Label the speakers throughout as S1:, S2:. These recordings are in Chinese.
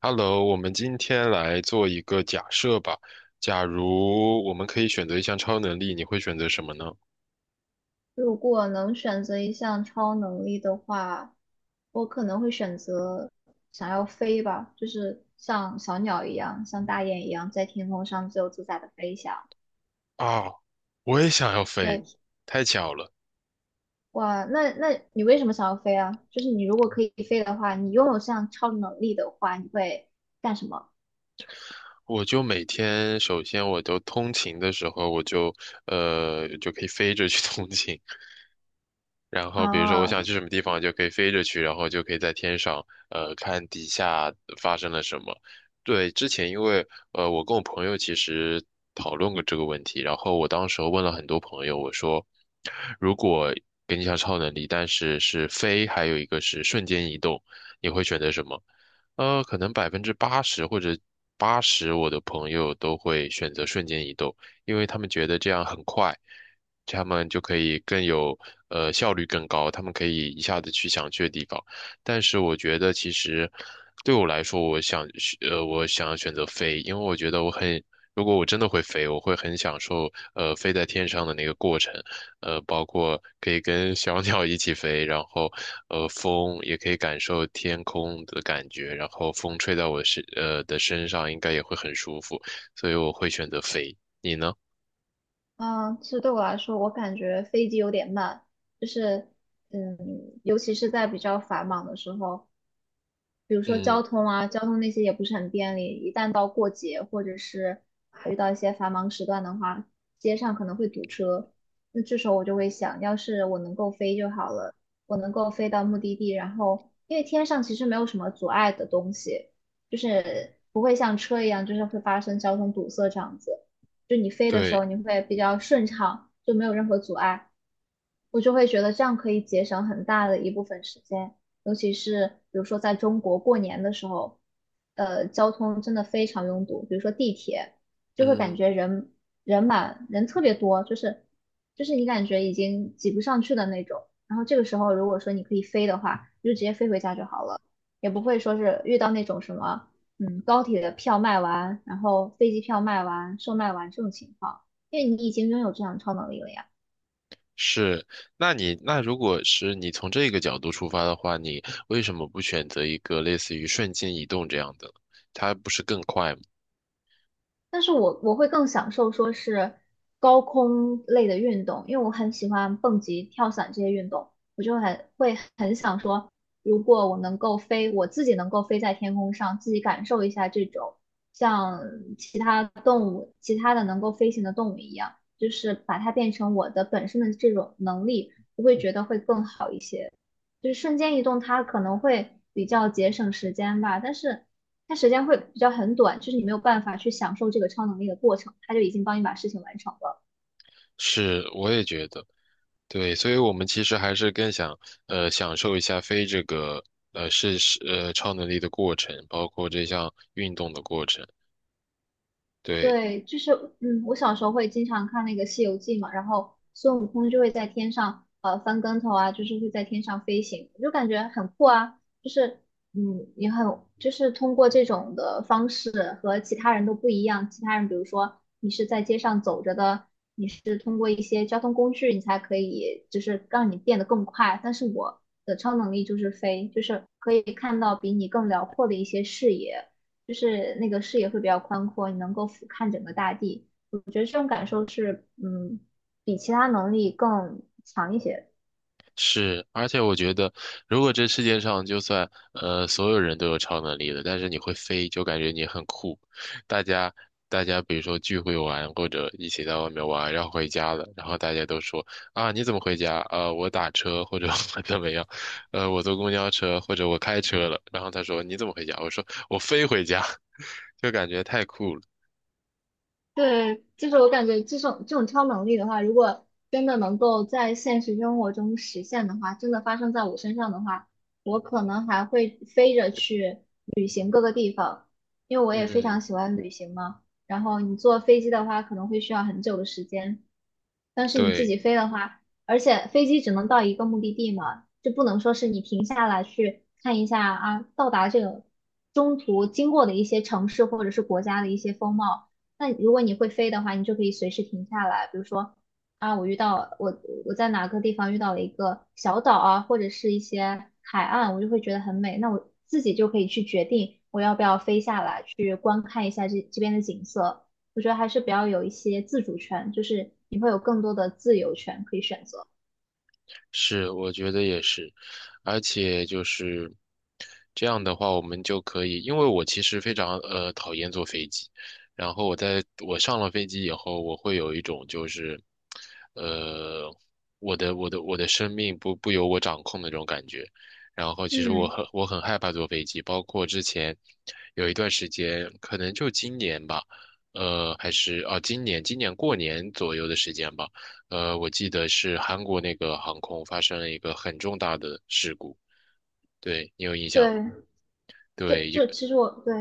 S1: Hello，我们今天来做一个假设吧。假如我们可以选择一项超能力，你会选择什么呢？
S2: 如果能选择一项超能力的话，我可能会选择想要飞吧，就是像小鸟一样，像大雁一样，在天空上自由自在的飞翔。
S1: 啊，我也想要飞，
S2: 对，
S1: 太巧了。
S2: 哇，那你为什么想要飞啊？就是你如果可以飞的话，你拥有这样超能力的话，你会干什么
S1: 我就每天，首先我都通勤的时候，我就可以飞着去 通勤。然后比如说我
S2: 啊？
S1: 想去什么地方，就可以飞着去，然后就可以在天上，看底下发生了什么。对，之前因为我跟我朋友其实讨论过这个问题，然后我当时候问了很多朋友，我说，如果给你一项超能力，但是是飞，还有一个是瞬间移动，你会选择什么？可能百分之八十或者八十我的朋友都会选择瞬间移动，因为他们觉得这样很快。他们就可以更有呃效率更高，他们可以一下子去想去的地方。但是我觉得其实对我来说，我想要选择飞，因为我觉得我很。如果我真的会飞，我会很享受，飞在天上的那个过程，包括可以跟小 鸟一起飞，然后，风也可以感受天空的感觉，然后风吹在我身上，应该也会很舒服，所以我会选择飞。你呢？
S2: 啊，其实对我来说，我感觉飞机有点慢，就是嗯，尤其是在比较繁忙的时候。比如说
S1: 嗯，
S2: 交通啊，交通那些也不是很便利，一旦到过节或者是遇到一些繁忙时段的话，街上可能会堵车。那这时候我就会想，要是我能够飞就好了，我能够飞到目的地，然后因为天上其实没有什么阻碍的东西，就是不会像车一样，就是会发生交通堵塞这样子。就你飞的时
S1: 对，
S2: 候，你会比较顺畅，就没有任何阻碍。我就会觉得这样可以节省很大的一部分时间，尤其是比如说在中国过年的时候，交通真的非常拥堵，比如说地铁，就会感
S1: 嗯。
S2: 觉人人满人特别多，就是你感觉已经挤不上去的那种。然后这个时候，如果说你可以飞的话，你就直接飞回家就好了，也不会说是遇到那种什么，嗯，高铁的票卖完，然后飞机票卖完、售卖完这种情况，因为你已经拥有这样的超能力了呀。
S1: 是，那你那如果是你从这个角度出发的话，你为什么不选择一个类似于瞬间移动这样的呢？它不是更快吗？
S2: 但是我会更享受说是高空类的运动，因为我很喜欢蹦极、跳伞这些运动，我就很会很想说，如果我能够飞，我自己能够飞在天空上，自己感受一下这种像其他动物、其他的能够飞行的动物一样，就是把它变成我的本身的这种能力，我会觉得会更好一些。就是瞬间移动，它可能会比较节省时间吧，但是它时间会比较很短，就是你没有办法去享受这个超能力的过程，它就已经帮你把事情完成了。
S1: 是，我也觉得，对，所以我们其实还是更想享受一下飞这个超能力的过程，包括这项运动的过程。对，
S2: 对，就是嗯，我小时候会经常看那个《西游记》嘛，然后孙悟空就会在天上翻跟头啊，就是会在天上飞行，我就感觉很酷啊，就是嗯也很就是通过这种的方式和其他人都不一样，其他人比如说你是在街上走着的，你是通过一些交通工具你才可以就是让你变得更快，但是我的超能力就是飞，就是可以看到比你更辽阔的一些视野。就是那个视野会比较宽阔，你能够俯瞰整个大地。我觉得这种感受是，嗯，比其他能力更强一些。
S1: 是，而且我觉得，如果这世界上就算所有人都有超能力的，但是你会飞，就感觉你很酷。大家大家比如说聚会玩，或者一起在外面玩，然后回家了，然后大家都说啊你怎么回家？我打车或者 我怎么样？我坐公交车或者我开车了。然后他说你怎么回家？我说我飞回家，就感觉太酷了。
S2: 对，就是我感觉这种超能力的话，如果真的能够在现实生活中实现的话，真的发生在我身上的话，我可能还会飞着去旅行各个地方，因为我也非
S1: 嗯，
S2: 常喜欢旅行嘛。然后你坐飞机的话，可能会需要很久的时间，但是你自
S1: 对。
S2: 己飞的话，而且飞机只能到一个目的地嘛，就不能说是你停下来去看一下啊，到达这个中途经过的一些城市或者是国家的一些风貌。那如果你会飞的话，你就可以随时停下来，比如说啊，我遇到我我在哪个地方遇到了一个小岛啊，或者是一些海岸，我就会觉得很美。那我自己就可以去决定我要不要飞下来去观看一下这这边的景色。我觉得还是比较有一些自主权，就是你会有更多的自由权可以选择。
S1: 是，我觉得也是，而且就是这样的话，我们就可以，因为我其实非常讨厌坐飞机，然后我在我上了飞机以后，我会有一种就是，呃，我的生命不由我掌控的那种感觉，然后其实我
S2: 嗯
S1: 很我很害怕坐飞机，包括之前有一段时间，可能就今年吧，呃，还是啊今年过年左右的时间吧。我记得是韩国那个航空发生了一个很重大的事故，对，你有印象吗？
S2: 对，这
S1: 对，
S2: 这其实我对，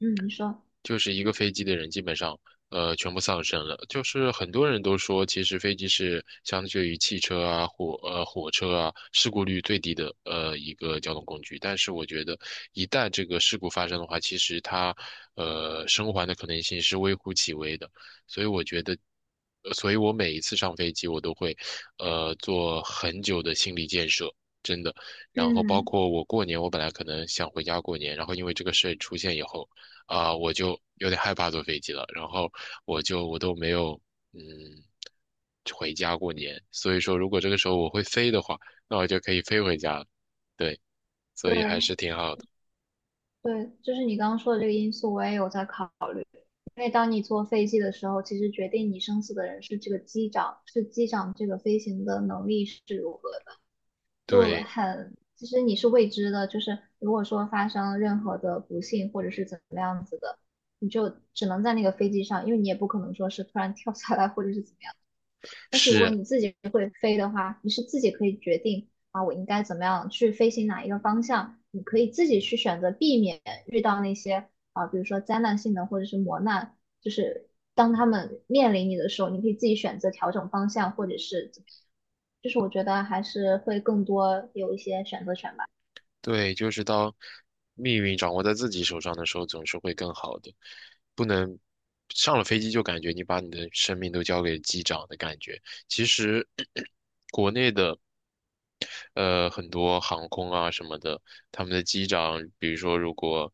S2: 嗯，你说。
S1: 就是一个飞机的人基本上，全部丧生了。就是很多人都说，其实飞机是相对于汽车啊、火车啊，事故率最低的一个交通工具。但是我觉得，一旦这个事故发生的话，其实它生还的可能性是微乎其微的。所以我觉得，所以我每一次上飞机，我都会做很久的心理建设。真的，然后包
S2: 嗯，
S1: 括我过年，我本来可能想回家过年，然后因为这个事出现以后，我就有点害怕坐飞机了，然后我就我都没有嗯回家过年，所以说如果这个时候我会飞的话，那我就可以飞回家了，对，所以还
S2: 对，
S1: 是挺好的，
S2: 对，就是你刚刚说的这个因素，我也有在考因为当你坐飞机的时候，其实决定你生死的人是这个机长，是机长这个飞行的能力是如何的，就
S1: 对，
S2: 很其实你是未知的，就是如果说发生任何的不幸或者是怎么样子的，你就只能在那个飞机上，因为你也不可能说是突然跳下来或者是怎么样。但是如果
S1: 是，
S2: 你自己会飞的话，你是自己可以决定啊，我应该怎么样去飞行哪一个方向，你可以自己去选择避免遇到那些啊，比如说灾难性的或者是磨难，就是当他们面临你的时候，你可以自己选择调整方向，或者是就是我觉得还是会更多有一些选择权吧。
S1: 对，就是当命运掌握在自己手上的时候，总是会更好的，不能上了飞机就感觉你把你的生命都交给机长的感觉，其实 国内的。很多航空啊什么的，他们的机长，比如说如果，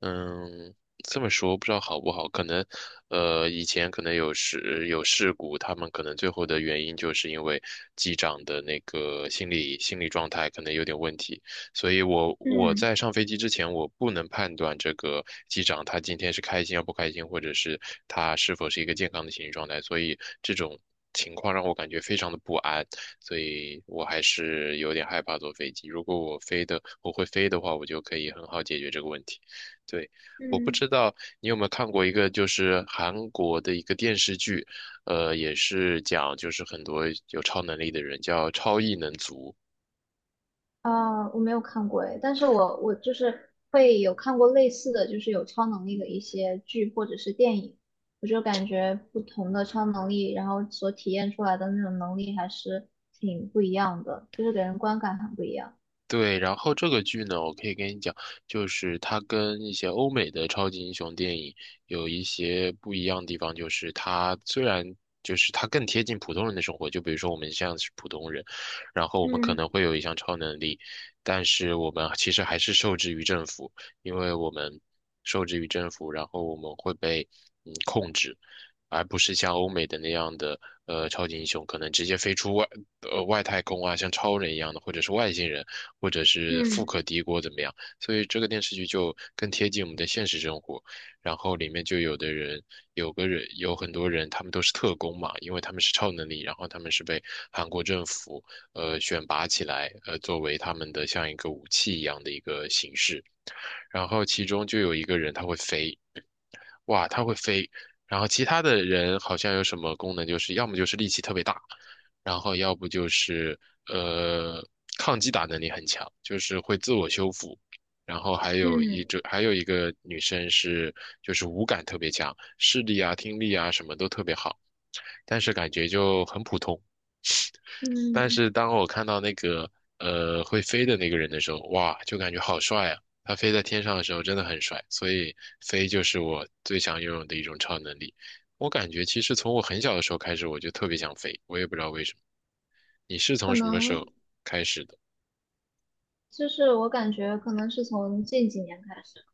S1: 嗯，这么说不知道好不好，可能，以前可能有事故，他们可能最后的原因就是因为机长的那个心理状态可能有点问题，所以我
S2: 嗯
S1: 在上飞机之前，我不能判断这个机长他今天是开心要不开心，或者是他是否是一个健康的心理状态，所以这种情况让我感觉非常的不安。所以我还是有点害怕坐飞机。如果我飞的，我会飞的话，我就可以很好解决这个问题。对，我不
S2: 嗯，
S1: 知道你有没有看过一个就是韩国的一个电视剧，也是讲就是很多有超能力的人叫超异能族。
S2: 啊，我没有看过诶，但是我就是会有看过类似的就是有超能力的一些剧或者是电影，我就感觉不同的超能力，然后所体验出来的那种能力还是挺不一样的，就是给人观感很不一样。
S1: 对，然后这个剧呢，我可以跟你讲，就是它跟一些欧美的超级英雄电影有一些不一样的地方，就是它虽然就是它更贴近普通人的生活，就比如说我们像是普通人，然后我们可
S2: 嗯
S1: 能会有一项超能力，但是我们其实还是受制于政府，因为我们受制于政府，然后我们会被控制。而不是像欧美的那样的，超级英雄可能直接飞出外太空啊，像超人一样的，或者是外星人，或者是富
S2: 嗯
S1: 可敌国怎么样？所以这个电视剧就更贴近我们的现实生活。然后里面就有的人，有个人，有很多人，他们都是特工嘛，因为他们是超能力，然后他们是被韩国政府选拔起来，作为他们的像一个武器一样的一个形式。然后其中就有一个人他会飞，哇，他会飞，然后其他的人好像有什么功能，就是要么就是力气特别大，然后要不就是呃抗击打能力很强，就是会自我修复，然后还有一
S2: 嗯
S1: 种还有一个女生是就是五感特别强，视力啊、听力啊什么都特别好，但是感觉就很普通。但
S2: 嗯
S1: 是当我看到那个会飞的那个人的时候，哇，就感觉好帅啊！他飞在天上的时候真的很帅，所以飞就是我最想拥有的一种超能力。我感觉其实从我很小的时候开始，我就特别想飞，我也不知道为什么。你是
S2: 可
S1: 从什么时
S2: 能
S1: 候开始的？
S2: 就是我感觉可能是从近几年开始。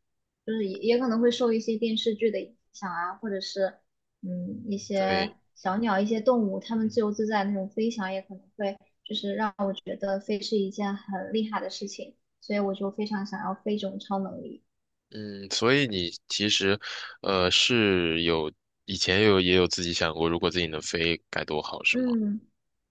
S2: 就是也可能会受一些电视剧的影响啊，或者是嗯一些
S1: 对，
S2: 小鸟、一些动物，它们自由自在那种飞翔，也可能会就是让我觉得飞是一件很厉害的事情，所以我就非常想要飞这种超能力。
S1: 嗯，所以你其实，是有以前有也有自己想过，如果自己能飞该多好，是吗？
S2: 嗯。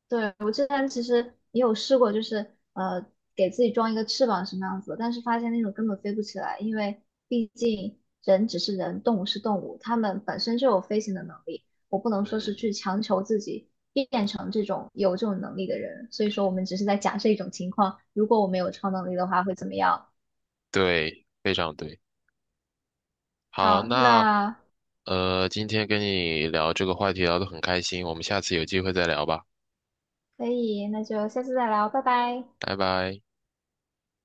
S2: 对，我之前其实也有试过，就是给自己装一个翅膀什么样子的但是发现那种根本飞不起来，因为毕竟人只是人，动物是动物，它们本身就有飞行的能力，我不能说是
S1: 嗯，
S2: 去强求自己变成这种有这种能力的人。所以说，我们只是在假设一种情况，如果我们有超能力的话会怎么样？
S1: 对，非常对。好，
S2: 好，
S1: 那
S2: 那
S1: 今天跟你聊这个话题聊得很开心，我们下次有机会再聊吧，
S2: 可以，那就下次再聊，拜拜。
S1: 拜拜。